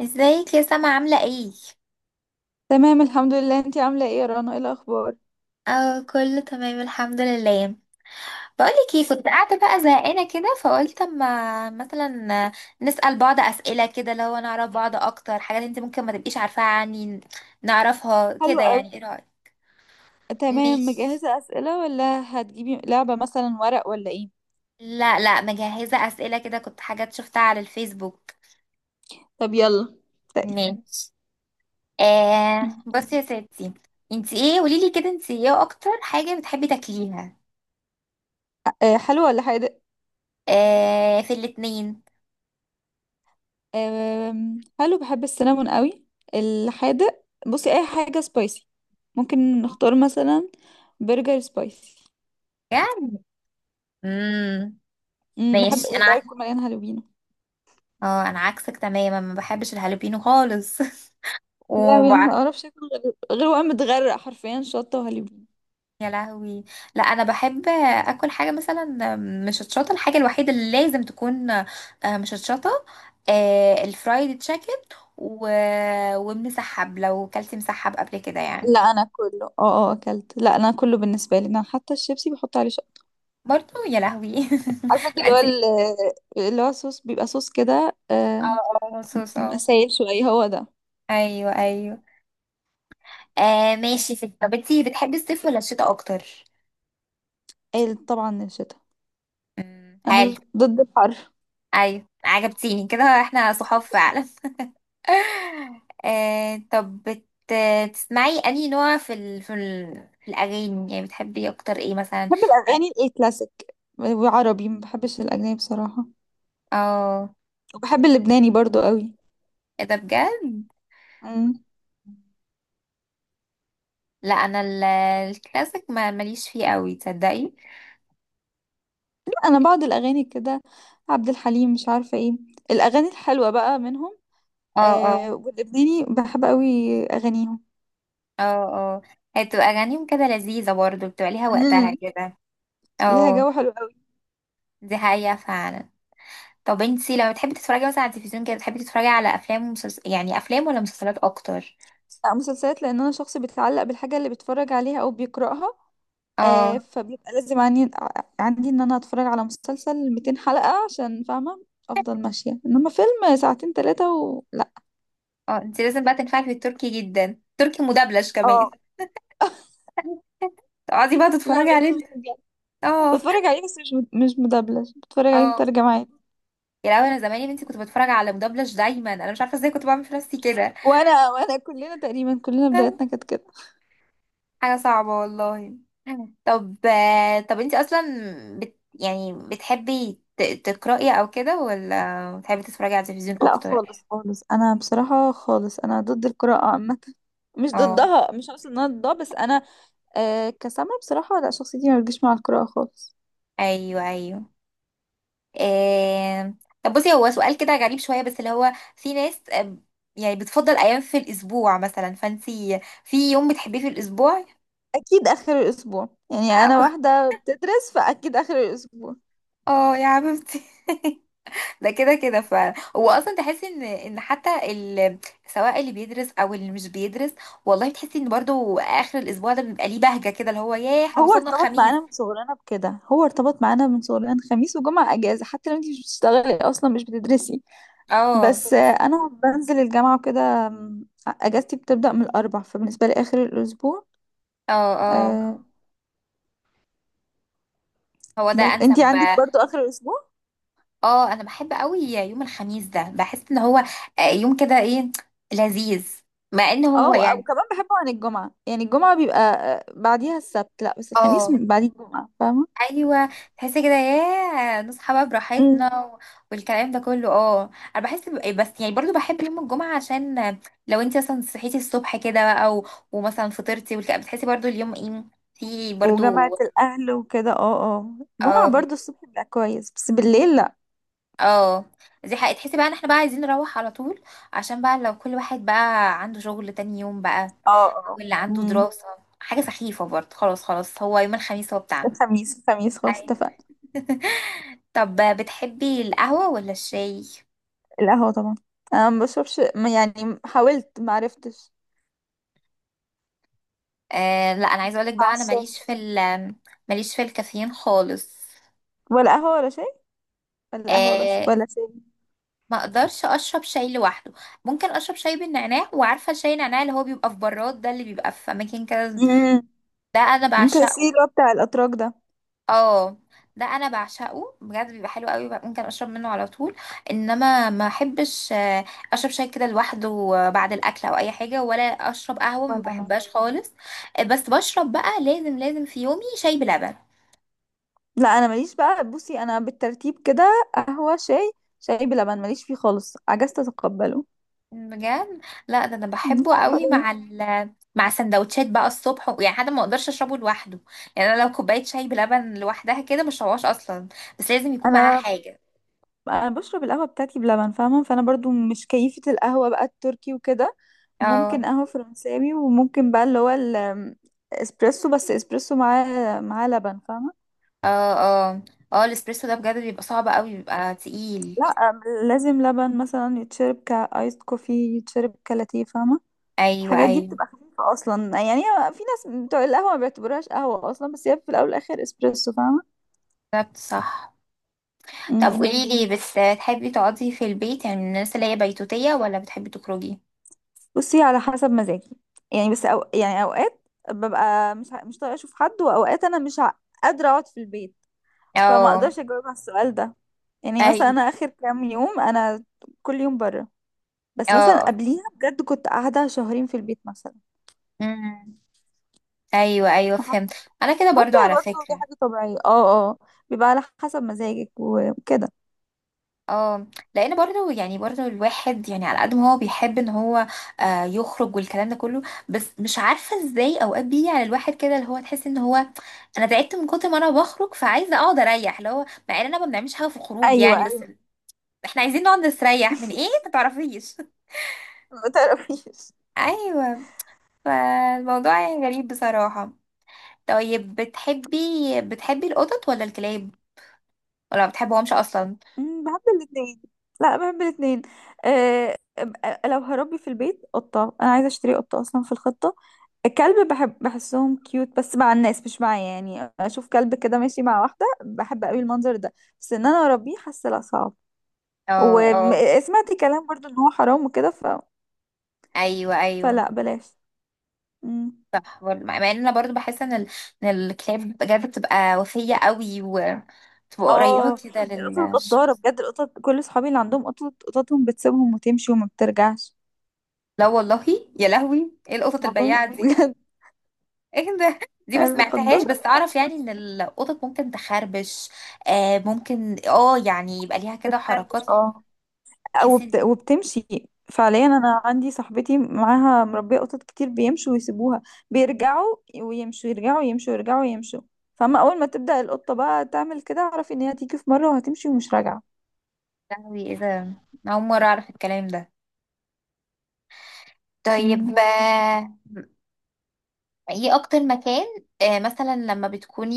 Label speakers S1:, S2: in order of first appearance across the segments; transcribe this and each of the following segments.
S1: ازيك يا سما عاملة ايه؟
S2: تمام، الحمد لله. انتي عاملة ايه يا رنا؟ ايه الأخبار؟
S1: اه، كله تمام الحمد لله. بقولك ايه، كنت قاعدة بقى زهقانة كده فقلت اما مثلا نسأل بعض اسئلة كده لو نعرف بعض اكتر، حاجات انت ممكن ما تبقيش عارفاها عني نعرفها
S2: حلو
S1: كده،
S2: قوي.
S1: يعني ايه رأيك؟
S2: تمام،
S1: ماشي.
S2: مجهزة أسئلة ولا هتجيبي لعبة مثلا ورق ولا ايه؟
S1: لا مجهزة اسئلة كده، كنت حاجات شفتها على الفيسبوك.
S2: طب يلا. طيب.
S1: ماشي. آه بصي يا ستي، انت ايه قوليلي كده، انت ايه اكتر حاجة بتحبي تاكليها؟
S2: أه، حلو ولا حادق؟
S1: آه، في الاتنين.
S2: حلو، بحب السينامون قوي. الحادق بصي، اي حاجة سبايسي. ممكن نختار مثلا برجر سبايسي.
S1: يعني امم
S2: بحب
S1: ماشي
S2: اللي هو يكون مليان هالوبينو.
S1: اه، انا عكسك تماما، ما بحبش الهالوبينو خالص.
S2: لا انا ما
S1: وبع...
S2: اعرفش اكل غير وانا متغرق حرفيا شطة وهالوبينو.
S1: يا لهوي. لا انا بحب اكل حاجه مثلا مشطشطه، الحاجه الوحيده اللي لازم تكون مشطشطه الفرايد تشيكن و... ومسحب، لو كلت مسحب قبل كده يعني.
S2: لا انا كله اكلت. لا انا كله بالنسبة لي، انا حتى الشيبسي بحط عليه.
S1: برضو يا لهوي.
S2: عارفه انت
S1: لا
S2: اللي هو
S1: انت اه.
S2: اللي هو صوص، بيبقى صوص كده،
S1: اه مصوص
S2: بيبقى
S1: اه.
S2: سايل شويه، هو ده.
S1: ايوه ايوه. آه ماشي ست، طب انتي بتحبي الصيف ولا الشتاء اكتر؟
S2: قال طبعا الشتاء.
S1: حلو.
S2: انا ضد الحر.
S1: ايوه عجبتيني كده، احنا صحاب فعلا. آه طب تسمعي انهي نوع في الاغاني يعني بتحبي اكتر ايه مثلا؟
S2: بحب الاغاني الكلاسيك وعربي، ما بحبش الاجنبي بصراحه.
S1: اه آه.
S2: وبحب اللبناني برضو قوي.
S1: ايه ده بجد؟
S2: مم.
S1: لا انا الكلاسيك ما ماليش فيه قوي تصدقي.
S2: انا بعض الاغاني كده، عبد الحليم، مش عارفه ايه، الاغاني الحلوه بقى منهم.
S1: اه اه.
S2: واللبناني بحب قوي اغانيهم.
S1: اه اه. هي بتبقى اغانيهم كده لذيذه برضو، بتبقى ليها وقتها
S2: مم.
S1: كده.
S2: ليها
S1: اه.
S2: جو حلو قوي.
S1: دي حقيقه فعلا. طب انتي لما بتحبي تتفرجي مثلا على التلفزيون كده، بتحبي تتفرجي على افلام يعني افلام ولا مسلسلات اكتر؟
S2: لا مسلسلات، لان انا شخص بيتعلق بالحاجه اللي بيتفرج عليها او بيقراها.
S1: اه.
S2: فبيبقى لازم عندي ان انا اتفرج على مسلسل 200 حلقة عشان فاهمة. افضل ماشية، انما فيلم ساعتين ثلاثة لا.
S1: اه انت لازم بقى تنفعي في التركي جدا، تركي مدبلج كمان.
S2: اه.
S1: تقعدي بقى
S2: لا
S1: تتفرجي
S2: ماليش
S1: عليه.
S2: فيه بجد.
S1: اه
S2: بتفرج عليه بس مش مدبلج، بتفرج عليه
S1: اه.
S2: مترجم عادي.
S1: يا لهوي انا زمان يا بنتي كنت بتفرج على مدبلج دايما، انا مش عارفه ازاي كنت بعمل في نفسي كده.
S2: وانا كلنا تقريبا، كلنا بدايتنا كانت كده.
S1: حاجه صعبه والله. طب طب انت اصلا يعني بتحبي تقراي او كده ولا بتحبي تتفرجي على التلفزيون
S2: لا
S1: اكتر؟
S2: خالص خالص، انا بصراحة خالص انا ضد القراءة عامة. مش
S1: اه.
S2: ضدها، مش قصدي ان انا ضدها، بس انا كسامة بصراحة، لا شخصيتي ما بتجيش مع القراءة خالص.
S1: ايوه ايوه. آه... طب بصي، هو سؤال كده غريب شوية بس اللي هو في ناس يعني بتفضل أيام في الأسبوع مثلا، فانتي في يوم بتحبيه في الأسبوع؟
S2: اكيد اخر الاسبوع يعني، انا
S1: اه
S2: واحده بتدرس فاكيد اخر الاسبوع.
S1: آه، يا حبيبتي. ده كده كده ف هو اصلا تحسي ان ان حتى سواء اللي بيدرس او اللي مش بيدرس، والله بتحسي ان برضو اخر الاسبوع ده بيبقى ليه بهجة كده، اللي هو ياه احنا وصلنا الخميس.
S2: هو ارتبط معانا من صغرنا، خميس وجمعه اجازه، حتى لو انت مش بتشتغلي اصلا مش بتدرسي.
S1: اه
S2: بس انا بنزل الجامعه وكده، اجازتي بتبدا من الاربع، فبالنسبه لي اخر الاسبوع.
S1: اه. اه
S2: آه
S1: هو ده
S2: بس انت
S1: انسب.
S2: عندك برضو اخر الاسبوع.
S1: اه انا بحب قوي يوم الخميس ده، بحس ان هو يوم كده ايه لذيذ، مع ان
S2: اه،
S1: هو يعني
S2: وكمان بحبه عن الجمعه، يعني الجمعه بيبقى بعديها السبت، لا بس الخميس
S1: اه.
S2: بعديه الجمعه، فاهمه.
S1: ايوه. تحسي كده ياه نصحى بقى براحتنا والكلام ده كله. اه انا بحس ب- إيه، بس يعني برضو بحب يوم الجمعه، عشان لو انت مثلا صحيتي الصبح كده او ومثلا فطرتي والكلام، بتحسي برضو اليوم ايه في
S2: وجامعة
S1: برضو.
S2: الأهل وكده. اه الجمعة
S1: اه
S2: برضو الصبح بيبقى كويس، بس بالليل لأ.
S1: اه. دي حقيقة، تحسي بقى ان احنا بقى عايزين نروح على طول عشان بقى لو كل واحد بقى عنده شغل تاني يوم بقى،
S2: اه، اه.
S1: واللي عنده
S2: امم.
S1: دراسة. حاجة سخيفة برضه. خلاص، هو يوم الخميس هو بتاعنا.
S2: الخميس الخميس خلاص،
S1: أيوة.
S2: اتفقنا.
S1: طب بتحبي القهوة ولا الشاي؟
S2: القهوة طبعا. أنا ما بشربش يعني حاولت ما عرفتش.
S1: آه لا أنا عايزة أقولك
S2: مع
S1: بقى أنا
S2: الشاي.
S1: ماليش في ال ماليش في الكافيين خالص.
S2: ولا قهوة ولا شاي، ولا قهوة بس
S1: آه،
S2: ولا شاي.
S1: ما أقدرش أشرب شاي لوحده. ممكن أشرب شاي بالنعناع، وعارفة شاي النعناع اللي هو بيبقى في براد ده اللي بيبقى في أماكن كده،
S2: امم.
S1: ده أنا
S2: انت السي
S1: بعشقه.
S2: اللي هو بتاع الأتراك ده.
S1: اه ده انا بعشقه بجد، بيبقى حلو قوي بقى، ممكن اشرب منه على طول. انما ما احبش اشرب شاي كده لوحده بعد الاكل او اي حاجه، ولا اشرب قهوه ما
S2: ولا أنا.
S1: بحبهاش خالص. بس بشرب بقى، لازم في يومي شاي بلبن.
S2: لا، أنا ماليش بقى، بصي أنا بالترتيب كده: قهوة، شاي. شاي بلبن ماليش فيه خالص، عجزت أتقبله.
S1: بجد، لا ده انا
S2: مش
S1: بحبه
S2: عارفة
S1: قوي
S2: ليه.
S1: مع ال مع سندوتشات بقى الصبح يعني، حتى ما اقدرش اشربه لوحده يعني. انا لو كوبايه شاي بلبن لوحدها كده مش هشربهاش اصلا، بس لازم يكون معاها
S2: أنا
S1: حاجه.
S2: انا بشرب القهوه بتاعتي بلبن فاهمه، فانا برضو مش كيفه القهوه بقى التركي وكده. ممكن
S1: اه
S2: قهوه فرنساوي، وممكن بقى اللي هو الاسبريسو، بس اسبريسو معاه لبن فاهمه.
S1: اه. اه اه. الاسبريسو ده بجد بيبقى صعب قوي، بيبقى تقيل.
S2: لا، لازم لبن مثلا، يتشرب كايس كوفي، يتشرب كلاتيه فاهمه.
S1: ايوه
S2: الحاجات دي
S1: ايوه.
S2: بتبقى خفيفه اصلا، يعني هي في ناس بتوع القهوه ما بيعتبروهاش قهوه اصلا، بس هي في الاول والاخر اسبريسو فاهمه.
S1: بالظبط صح. طب
S2: امم.
S1: قولي لي بس، تحبي تقعدي في البيت يعني من الناس اللي هي بيتوتية، ولا بتحبي تخرجي؟
S2: بصي على حسب مزاجي. يعني بس، أو يعني اوقات ببقى مش طايقه اشوف حد، واوقات انا مش ع- قادره اقعد في البيت. فما
S1: اه.
S2: اقدرش اجاوب على السؤال ده. يعني مثلا
S1: ايوه
S2: انا اخر كام يوم انا كل يوم بره، بس مثلا
S1: اه.
S2: قبليها بجد كنت قاعده شهرين في البيت مثلا.
S1: امم ايوه ايوه
S2: وح-
S1: فهمت. انا كده
S2: حاسه
S1: برضو على
S2: برضه دي
S1: فكرة.
S2: حاجه طبيعيه. اه، اه، بيبقى على حسب مزاجك وكده.
S1: اه. لان برضه يعني برضه الواحد يعني على قد ما هو بيحب ان هو يخرج والكلام ده كله، بس مش عارفه ازاي اوقات بيجي على الواحد كده اللي هو تحس ان هو، انا تعبت من كتر ما انا بخرج فعايزه اقعد اريح، اللي هو مع اننا ما بنعملش حاجه في الخروج
S2: ايوه،
S1: يعني، بس
S2: ايوه.
S1: احنا عايزين نقعد نستريح من ايه ما تعرفيش.
S2: ما تعرفيش.
S1: ايوه. فالموضوع يعني غريب بصراحه. طيب بتحبي، بتحبي القطط ولا الكلاب، ولا ما بتحبهمش اصلا؟
S2: بحب الاثنين. لا، بحب الاثنين. أه. لو هربي في البيت قطة، انا عايزه اشتري قطة اصلا في الخطة. الكلب بحب، بحسهم كيوت، بس مع الناس مش معايا، يعني اشوف كلب كده ماشي مع واحدة بحب قوي المنظر ده. بس ان انا اربيه، حاسه لا صعب.
S1: اه اه.
S2: وسمعت كلام برضو ان هو حرام وكده
S1: ايوه ايوه.
S2: فلا بلاش. مم.
S1: مع ان انا برضو بحس ان ان الكتاب بجد بتبقى وفية قوي وتبقى قريبة
S2: اه.
S1: كده
S2: القطط غدارة
S1: للشخص.
S2: بجد، القطط كل صحابي اللي عندهم قطط قططهم بتسيبهم وتمشي وما بترجعش.
S1: لا والله. يا لهوي ايه القطط
S2: والله
S1: البياعة دي.
S2: بجد.
S1: ايه ده، دي ما سمعتهاش،
S2: غدارة.
S1: بس اعرف يعني ان القطط ممكن تخربش. آه ممكن اه، يعني يبقى ليها كده
S2: بتخربش،
S1: حركات،
S2: اه.
S1: تحسي ان
S2: وبتمشي. فعليا انا عندي صاحبتي معاها مربيه قطط كتير، بيمشوا ويسيبوها. بيرجعوا ويمشوا، يرجعوا يمشوا، يرجعوا يمشوا. فاما اول ما تبدا القطه بقى تعمل كده، اعرفي ان هي هتيجي في مره وهتمشي ومش راجعه.
S1: يا لهوي ايه ده. أنا اول مرة اعرف الكلام ده.
S2: مم.
S1: طيب ايه اكتر مكان آه مثلا لما بتكوني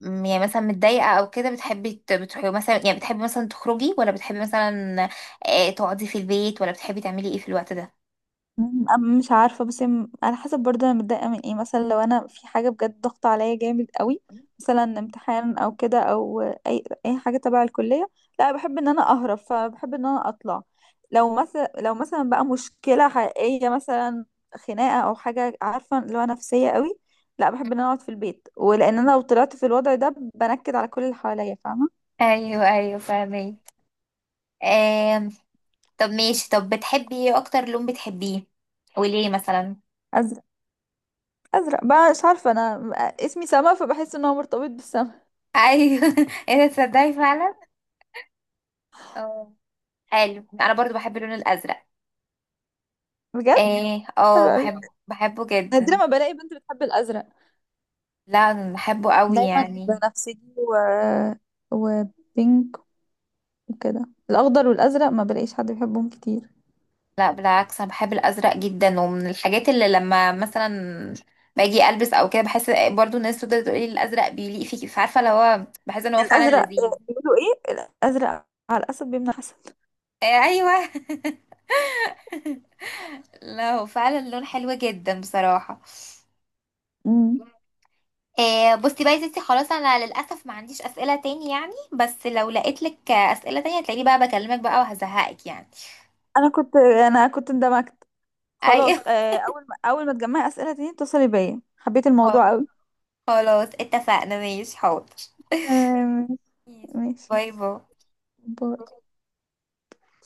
S1: يعني مثلا متضايقة او كده، بتحبي بتروحي مثلا، يعني بتحبي مثلا تخرجي ولا بتحبي مثلا تقعدي في البيت، ولا بتحبي تعملي ايه في الوقت ده؟
S2: مش عارفة بس على حسب برضه أنا متضايقة من ايه. مثلا لو أنا في حاجة بجد ضغط عليا جامد قوي، مثلا امتحان أو كده، أو أي حاجة تبع الكلية، لا بحب إن أنا أهرب، فبحب إن أنا أطلع. لو مثلا بقى مشكلة حقيقية مثلا، خناقة أو حاجة عارفة اللي هو نفسية قوي، لا بحب إن أنا أقعد في البيت، ولأن أنا لو طلعت في الوضع ده بنكد على كل اللي حواليا فاهمة.
S1: ايوه ايوه فاهمين. آم، طب ماشي، طب بتحبي ايه اكتر لون بتحبيه، وليه مثلا؟
S2: أزرق. أزرق بقى، مش عارفة أنا، اسمي سما فبحس إن هو مرتبط بالسما.
S1: ايوه. ايه ده تصدقي فعلا. اه حلو، انا برضو بحب اللون الازرق.
S2: بجد.
S1: اه اه،
S2: حلو قوي.
S1: بحب بحبه
S2: نادرا
S1: جدا.
S2: ما بلاقي بنت بتحب الازرق.
S1: لا انا بحبه قوي
S2: دايما
S1: يعني.
S2: بنفسجي وبينك وكده، الاخضر والازرق ما بلاقيش حد بيحبهم كتير.
S1: لا بالعكس انا بحب الازرق جدا، ومن الحاجات اللي لما مثلا باجي البس او كده بحس، برضو الناس تفضل تقول لي الازرق بيليق فيكي، فعارفه اللي هو بحس ان هو فعلا
S2: الازرق،
S1: لذيذ.
S2: بيقولوا ايه، الازرق على الاسد بيمنع الحسد.
S1: آه، ايوه. لا هو فعلا لون حلو جدا بصراحه.
S2: امم.
S1: بصي بقى يا ستي، خلاص انا للاسف ما عنديش اسئله تاني يعني، بس لو لقيت لك اسئله تانية هتلاقيني بقى بكلمك بقى وهزهقك يعني.
S2: انا كنت اندمجت. خلاص،
S1: ايوه.
S2: اول ما تجمعي اسئله تاني اتصلي بيا، حبيت الموضوع قوي.
S1: خلاص اتفقنا، ماشي حاضر.
S2: تمام. ماشي ماشي.
S1: باي باي.
S2: باي.